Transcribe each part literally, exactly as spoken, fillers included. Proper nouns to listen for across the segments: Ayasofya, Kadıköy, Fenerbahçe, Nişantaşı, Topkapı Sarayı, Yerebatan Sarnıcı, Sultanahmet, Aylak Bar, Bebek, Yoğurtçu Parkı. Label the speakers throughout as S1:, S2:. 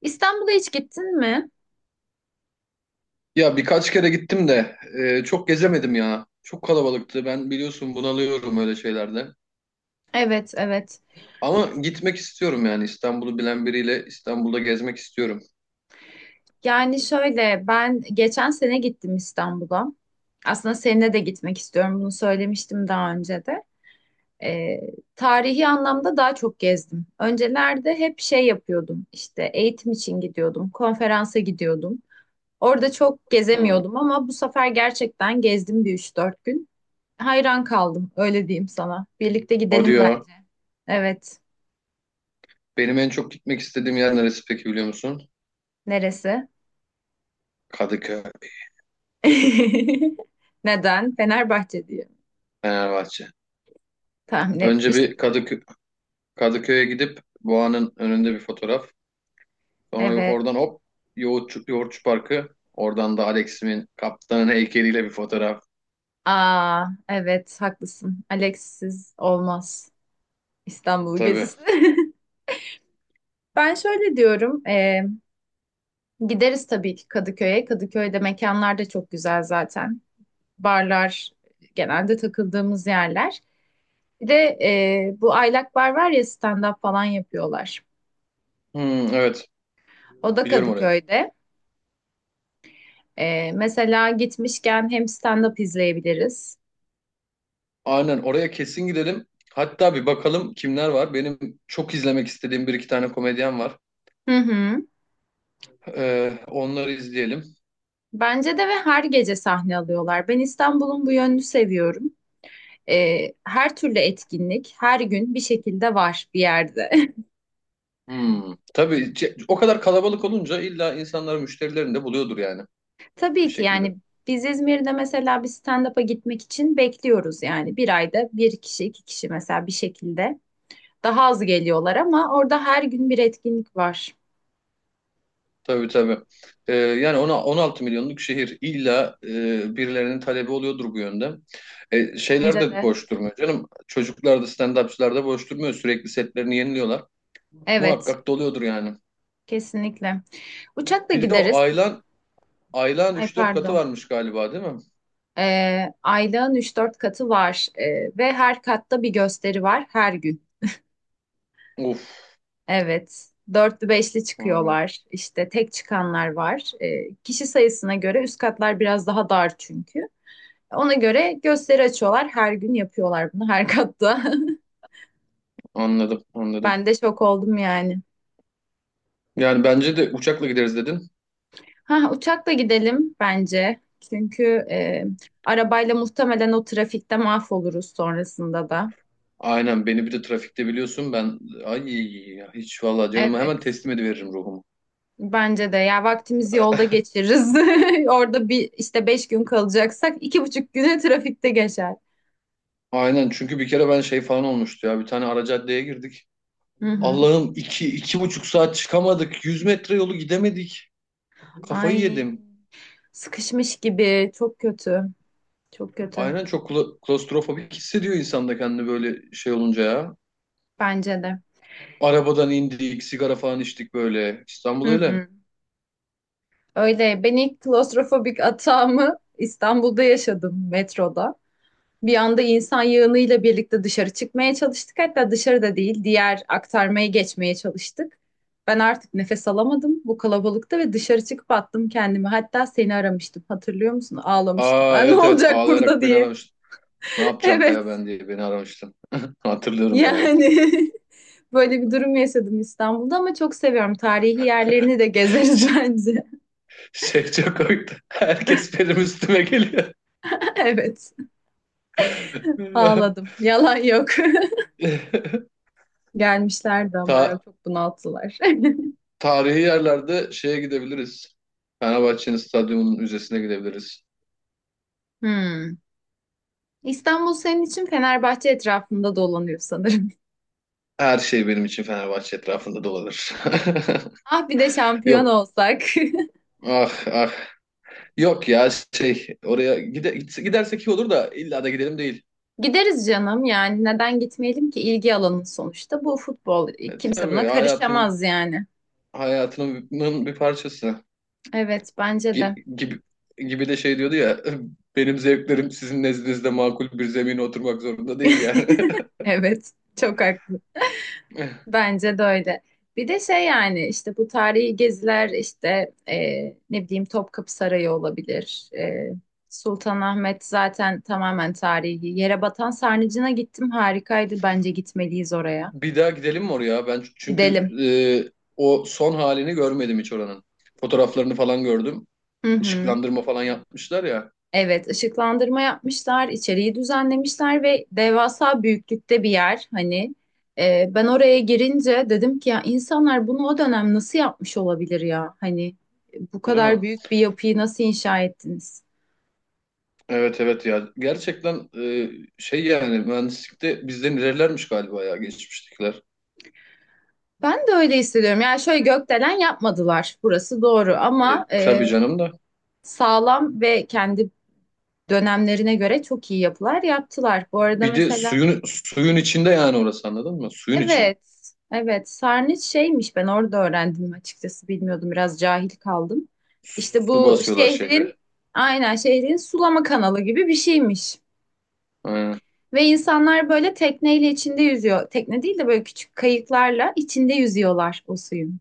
S1: İstanbul'a hiç gittin mi?
S2: Ya birkaç kere gittim de e, çok gezemedim ya. Çok kalabalıktı. Ben biliyorsun bunalıyorum öyle şeylerde.
S1: Evet, evet.
S2: Ama gitmek istiyorum yani İstanbul'u bilen biriyle İstanbul'da gezmek istiyorum.
S1: Yani şöyle ben geçen sene gittim İstanbul'a. Aslında seninle de gitmek istiyorum. Bunu söylemiştim daha önce de. Ee, Tarihi anlamda daha çok gezdim. Öncelerde hep şey yapıyordum. İşte eğitim için gidiyordum, konferansa gidiyordum. Orada çok
S2: Hmm.
S1: gezemiyordum ama bu sefer gerçekten gezdim bir üç dört gün. Hayran kaldım, öyle diyeyim sana. Birlikte
S2: Hadi
S1: gidelim
S2: ya.
S1: bence. Evet.
S2: Benim en çok gitmek istediğim yer neresi peki biliyor musun?
S1: Neresi?
S2: Kadıköy,
S1: Neden? Fenerbahçe diye
S2: Fenerbahçe.
S1: tahmin
S2: Önce bir
S1: etmiştim.
S2: Kadıkö Kadıköy'e gidip Boğa'nın önünde bir fotoğraf. Sonra
S1: Evet.
S2: oradan hop Yoğurtçu, Yoğurtçu Parkı. Oradan da Alex'imin kaptanın heykeliyle bir fotoğraf.
S1: Aa, evet haklısın. Alex'siz olmaz İstanbul
S2: Tabii.
S1: gezisi. Ben şöyle diyorum. E, gideriz tabii ki Kadıköy'e. Kadıköy'de mekanlar da çok güzel zaten. Barlar genelde takıldığımız yerler. Bir de e, bu Aylak Bar var ya stand-up falan yapıyorlar.
S2: Hmm, evet
S1: O da
S2: biliyorum orayı.
S1: Kadıköy'de. E, mesela gitmişken hem stand-up izleyebiliriz.
S2: Aynen oraya kesin gidelim. Hatta bir bakalım kimler var. Benim çok izlemek istediğim bir iki tane komedyen var.
S1: Hı hı.
S2: Ee, onları izleyelim.
S1: Bence de ve her gece sahne alıyorlar. Ben İstanbul'un bu yönünü seviyorum. Ee, her türlü etkinlik her gün bir şekilde var bir yerde.
S2: Hmm. Tabii ce- o kadar kalabalık olunca illa insanlar müşterilerini de buluyordur yani bir
S1: Tabii ki
S2: şekilde.
S1: yani biz İzmir'de mesela bir stand-up'a gitmek için bekliyoruz yani. Bir ayda bir kişi, iki kişi mesela bir şekilde daha az geliyorlar ama orada her gün bir etkinlik var.
S2: Tabii tabii. Ee, yani ona on altı milyonluk şehir illa e, birilerinin talebi oluyordur bu yönde. E, şeyler
S1: Bence
S2: de
S1: de.
S2: boş durmuyor canım. Çocuklar da stand-upçılar da boş durmuyor. Sürekli setlerini yeniliyorlar.
S1: Evet,
S2: Muhakkak doluyordur yani.
S1: kesinlikle. Uçakla
S2: Bir de o
S1: gideriz.
S2: Aylan, Aylan
S1: Ay,
S2: üç dört katı
S1: pardon.
S2: varmış galiba değil mi?
S1: Ee, aylığın üç dört katı var. Ee, ve her katta bir gösteri var her gün.
S2: Uf,
S1: Evet. Dörtlü beşli
S2: vay be.
S1: çıkıyorlar. İşte tek çıkanlar var. Ee, kişi sayısına göre üst katlar biraz daha dar çünkü. Ona göre gösteri açıyorlar. Her gün yapıyorlar bunu her katta.
S2: Anladım, anladım.
S1: Ben de şok oldum yani.
S2: Yani bence de uçakla gideriz dedin.
S1: Ha, uçakla gidelim bence. Çünkü e, arabayla muhtemelen o trafikte mahvoluruz sonrasında da.
S2: Aynen beni bir de trafikte biliyorsun ben ay ya, hiç vallahi canımı hemen
S1: Evet.
S2: teslim ediveririm ruhumu.
S1: Bence de ya vaktimizi yolda geçiririz. Orada bir işte beş gün kalacaksak iki buçuk güne trafikte geçer.
S2: Aynen çünkü bir kere ben şey falan olmuştu ya bir tane ara caddeye girdik.
S1: Hı hı.
S2: Allah'ım iki, iki buçuk saat çıkamadık. Yüz metre yolu gidemedik. Kafayı
S1: Ay,
S2: yedim.
S1: sıkışmış gibi. Çok kötü. Çok kötü.
S2: Aynen çok kla- klostrofobik hissediyor insan da kendini böyle şey olunca ya.
S1: Bence de.
S2: Arabadan indik, sigara falan içtik böyle. İstanbul
S1: Hı
S2: öyle.
S1: hı. Öyle. Ben ilk klostrofobik atağımı İstanbul'da yaşadım metroda. Bir anda insan yığınıyla birlikte dışarı çıkmaya çalıştık. Hatta dışarıda değil, diğer aktarmaya geçmeye çalıştık. Ben artık nefes alamadım bu kalabalıkta ve dışarı çıkıp attım kendimi. Hatta seni aramıştım. Hatırlıyor musun? Ağlamıştım
S2: Aa
S1: ben. Ne
S2: evet evet
S1: olacak burada
S2: ağlayarak beni
S1: diye.
S2: aramış. Ne yapacağım
S1: Evet.
S2: Kaya ben diye beni aramıştın. Hatırlıyorum ya.
S1: Yani böyle bir durum yaşadım İstanbul'da ama çok seviyorum. Tarihi yerlerini de gezeriz
S2: Şey,
S1: bence.
S2: şey çok komikti. Herkes benim üstüme geliyor.
S1: Evet, ağladım. Yalan yok. Gelmişlerdi ama ya
S2: Ta-
S1: çok bunalttılar.
S2: Tarihi yerlerde şeye gidebiliriz. Fenerbahçe'nin stadyumunun müzesine gidebiliriz.
S1: Hmm. İstanbul senin için Fenerbahçe etrafında dolanıyor sanırım.
S2: Her şey benim için Fenerbahçe etrafında dolanır.
S1: Ah, bir de şampiyon
S2: Yok.
S1: olsak.
S2: Ah ah. Yok ya şey oraya gide, gidersek iyi olur da illa da gidelim değil.
S1: Gideriz canım, yani neden gitmeyelim ki? İlgi alanın sonuçta bu futbol,
S2: E,
S1: kimse
S2: tabii
S1: buna
S2: hayatımın
S1: karışamaz yani.
S2: hayatımın bir parçası.
S1: Evet, bence de.
S2: Gi- gibi gibi de şey diyordu ya benim zevklerim sizin nezdinizde makul bir zemine oturmak zorunda değil yani.
S1: Evet, çok haklı. Bence de öyle. Bir de şey, yani işte bu tarihi geziler işte, e, ne bileyim, Topkapı Sarayı olabilir. E, Sultanahmet zaten tamamen tarihi. Yerebatan Sarnıcı'na gittim, harikaydı. Bence gitmeliyiz oraya.
S2: Bir daha gidelim mi oraya? Ben çünkü
S1: Gidelim.
S2: e, o son halini görmedim hiç oranın. Fotoğraflarını falan gördüm.
S1: Hı hı.
S2: Işıklandırma falan yapmışlar ya,
S1: Evet, ışıklandırma yapmışlar, içeriği düzenlemişler ve devasa büyüklükte bir yer. Hani e, ben oraya girince dedim ki ya, insanlar bunu o dönem nasıl yapmış olabilir ya? Hani bu
S2: değil mi?
S1: kadar büyük bir yapıyı nasıl inşa ettiniz?
S2: Evet evet ya. Gerçekten e, şey yani mühendislikte bizden ilerilermiş galiba ya geçmiştekiler.
S1: Ben de öyle hissediyorum. Yani şöyle, gökdelen yapmadılar. Burası doğru,
S2: E,
S1: ama
S2: tabii
S1: e,
S2: canım da.
S1: sağlam ve kendi dönemlerine göre çok iyi yapılar yaptılar. Bu arada
S2: Bir de
S1: mesela
S2: suyun suyun içinde yani orası anladın mı? Suyun içinde.
S1: evet, evet. Sarnıç şeymiş, ben orada öğrendim açıkçası, bilmiyordum, biraz cahil kaldım. İşte
S2: Su
S1: bu
S2: basıyorlar
S1: şehrin,
S2: şehre.
S1: aynen şehrin sulama kanalı gibi bir şeymiş.
S2: Aynen.
S1: Ve insanlar böyle tekneyle içinde yüzüyor. Tekne değil de böyle küçük kayıklarla içinde yüzüyorlar o suyun.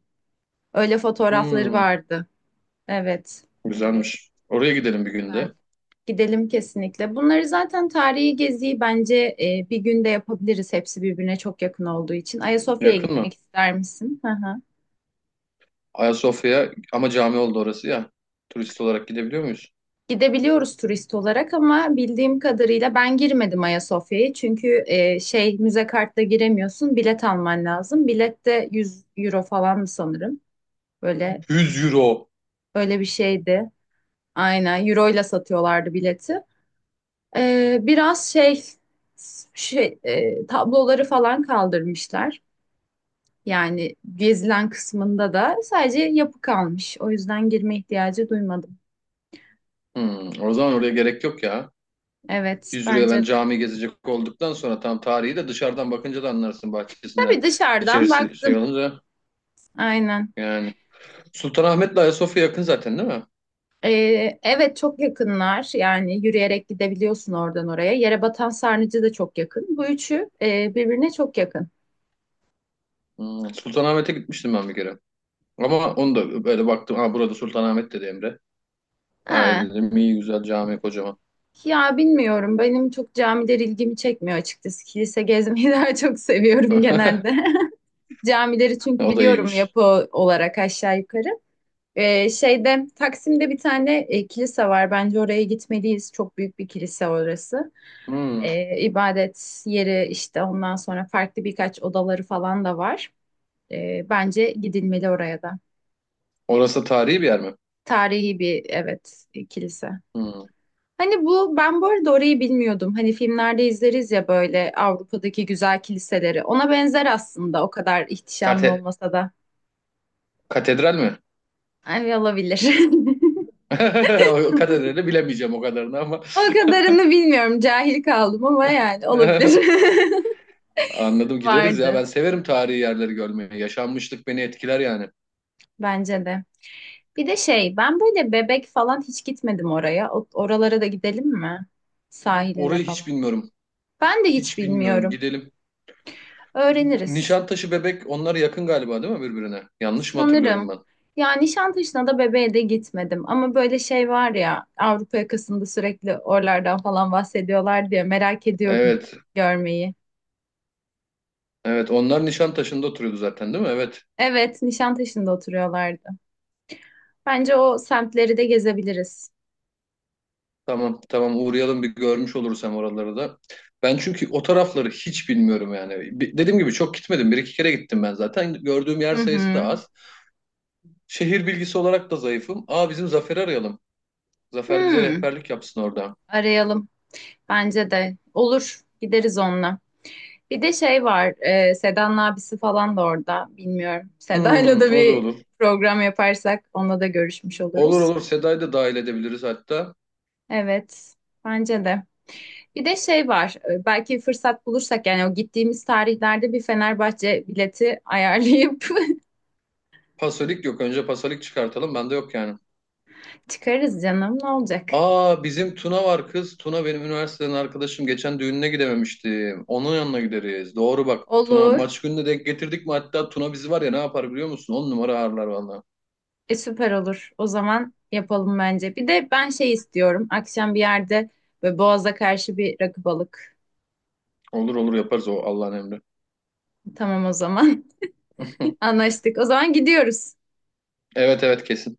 S1: Öyle fotoğrafları
S2: Hmm,
S1: vardı. Evet.
S2: güzelmiş. Oraya gidelim bir
S1: Ben
S2: günde.
S1: gidelim kesinlikle. Bunları zaten, tarihi geziyi bence e, bir günde yapabiliriz. Hepsi birbirine çok yakın olduğu için. Ayasofya'ya
S2: Yakın
S1: gitmek
S2: mı?
S1: ister misin?
S2: Ayasofya ama cami oldu orası ya. Turist olarak gidebiliyor muyuz?
S1: Gidebiliyoruz turist olarak ama bildiğim kadarıyla ben girmedim Ayasofya'ya. Çünkü e, şey, müze kartla giremiyorsun, bilet alman lazım. Bilet de yüz euro falan mı sanırım. Böyle
S2: yüz euro.
S1: öyle bir şeydi. Aynen euro ile satıyorlardı bileti. E, biraz şey, şey, e, tabloları falan kaldırmışlar. Yani gezilen kısmında da sadece yapı kalmış. O yüzden girme ihtiyacı duymadım.
S2: Hmm, o zaman oraya gerek yok ya.
S1: Evet,
S2: yüz euroya ben
S1: bence de.
S2: cami gezecek olduktan sonra tam tarihi de dışarıdan bakınca da anlarsın bahçesinden.
S1: Tabii, dışarıdan
S2: İçerisi şey
S1: baktım.
S2: olunca
S1: Aynen.
S2: yani. Sultanahmet'le Ayasofya yakın zaten değil mi?
S1: Ee, evet, çok yakınlar yani, yürüyerek gidebiliyorsun oradan oraya. Yerebatan Sarnıcı da çok yakın. Bu üçü e, birbirine çok yakın.
S2: Hmm, Sultanahmet'e gitmiştim ben bir kere. Ama onu da böyle baktım. Ha burada Sultanahmet dedi Emre. Ha
S1: Ha,
S2: dedim iyi güzel cami kocaman.
S1: ya bilmiyorum, benim çok camiler ilgimi çekmiyor açıkçası. Kilise gezmeyi daha çok seviyorum genelde. Camileri çünkü
S2: O da
S1: biliyorum,
S2: iyiymiş.
S1: yapı olarak aşağı yukarı. Ee, şeyde, Taksim'de bir tane e, kilise var. Bence oraya gitmeliyiz. Çok büyük bir kilise orası.
S2: Hmm.
S1: Ee, ibadet yeri işte, ondan sonra farklı birkaç odaları falan da var. E, bence gidilmeli oraya da.
S2: Orası tarihi bir yer mi?
S1: Tarihi bir, evet, e, kilise.
S2: Hmm.
S1: Hani bu, ben bu arada orayı bilmiyordum. Hani filmlerde izleriz ya böyle Avrupa'daki güzel kiliseleri. Ona benzer aslında, o kadar ihtişamlı
S2: Kate-
S1: olmasa da.
S2: Katedral mi?
S1: Hani olabilir.
S2: O katedrali bilemeyeceğim o kadarını ama.
S1: O kadarını bilmiyorum. Cahil kaldım ama yani olabilir.
S2: Anladım gideriz ya.
S1: Vardı
S2: Ben severim tarihi yerleri görmeyi. Yaşanmışlık beni etkiler yani.
S1: bence de. Bir de şey, ben böyle Bebek falan hiç gitmedim oraya. O- Oralara da gidelim mi? Sahiline
S2: Orayı hiç
S1: falan.
S2: bilmiyorum.
S1: Ben de hiç
S2: Hiç bilmiyorum.
S1: bilmiyorum.
S2: Gidelim.
S1: Öğreniriz.
S2: Nişantaşı Bebek onlar yakın galiba değil mi birbirine? Yanlış mı hatırlıyorum
S1: Sanırım.
S2: ben?
S1: Yani Nişantaşı'na da bebeğe de gitmedim. Ama böyle şey var ya, Avrupa yakasında sürekli oralardan falan bahsediyorlar diye merak ediyorum
S2: Evet.
S1: görmeyi.
S2: Evet onlar Nişantaşı'nda oturuyordu zaten değil mi? Evet.
S1: Evet, Nişantaşı'nda oturuyorlardı. Bence o semtleri de gezebiliriz.
S2: Tamam tamam uğrayalım bir görmüş oluruz hem oraları da. Ben çünkü o tarafları hiç bilmiyorum yani. Bi- Dediğim gibi çok gitmedim. Bir iki kere gittim ben zaten. Gördüğüm yer
S1: Hı
S2: sayısı da
S1: hı.
S2: az. Şehir bilgisi olarak da zayıfım. Aa bizim Zafer'i arayalım. Zafer bize
S1: Hmm,
S2: rehberlik yapsın orada.
S1: arayalım. Bence de. Olur. Gideriz onunla. Bir de şey var. E, Seda'nın abisi falan da orada. Bilmiyorum. Seda'yla
S2: Hmm,
S1: da
S2: o da
S1: bir
S2: olur.
S1: program yaparsak onunla da görüşmüş
S2: Olur
S1: oluruz.
S2: olur Seda'yı da dahil edebiliriz hatta.
S1: Evet. Bence de. Bir de şey var, e, belki fırsat bulursak, yani o gittiğimiz tarihlerde bir Fenerbahçe bileti ayarlayıp
S2: Pasolik yok. Önce Pasolik çıkartalım. Bende yok yani.
S1: çıkarız canım, ne olacak?
S2: Aa bizim Tuna var kız. Tuna benim üniversiteden arkadaşım. Geçen düğününe gidememiştim. Onun yanına gideriz. Doğru bak. Tuna
S1: Olur,
S2: maç gününe denk getirdik mi? Hatta Tuna bizi var ya ne yapar biliyor musun? On numara ağırlar valla.
S1: e, süper olur. O zaman yapalım bence. Bir de ben şey istiyorum, akşam bir yerde böyle Boğaz'a karşı bir rakı balık.
S2: Olur olur yaparız o Allah'ın emri.
S1: Tamam o zaman, anlaştık. O zaman gidiyoruz.
S2: Evet evet kesin.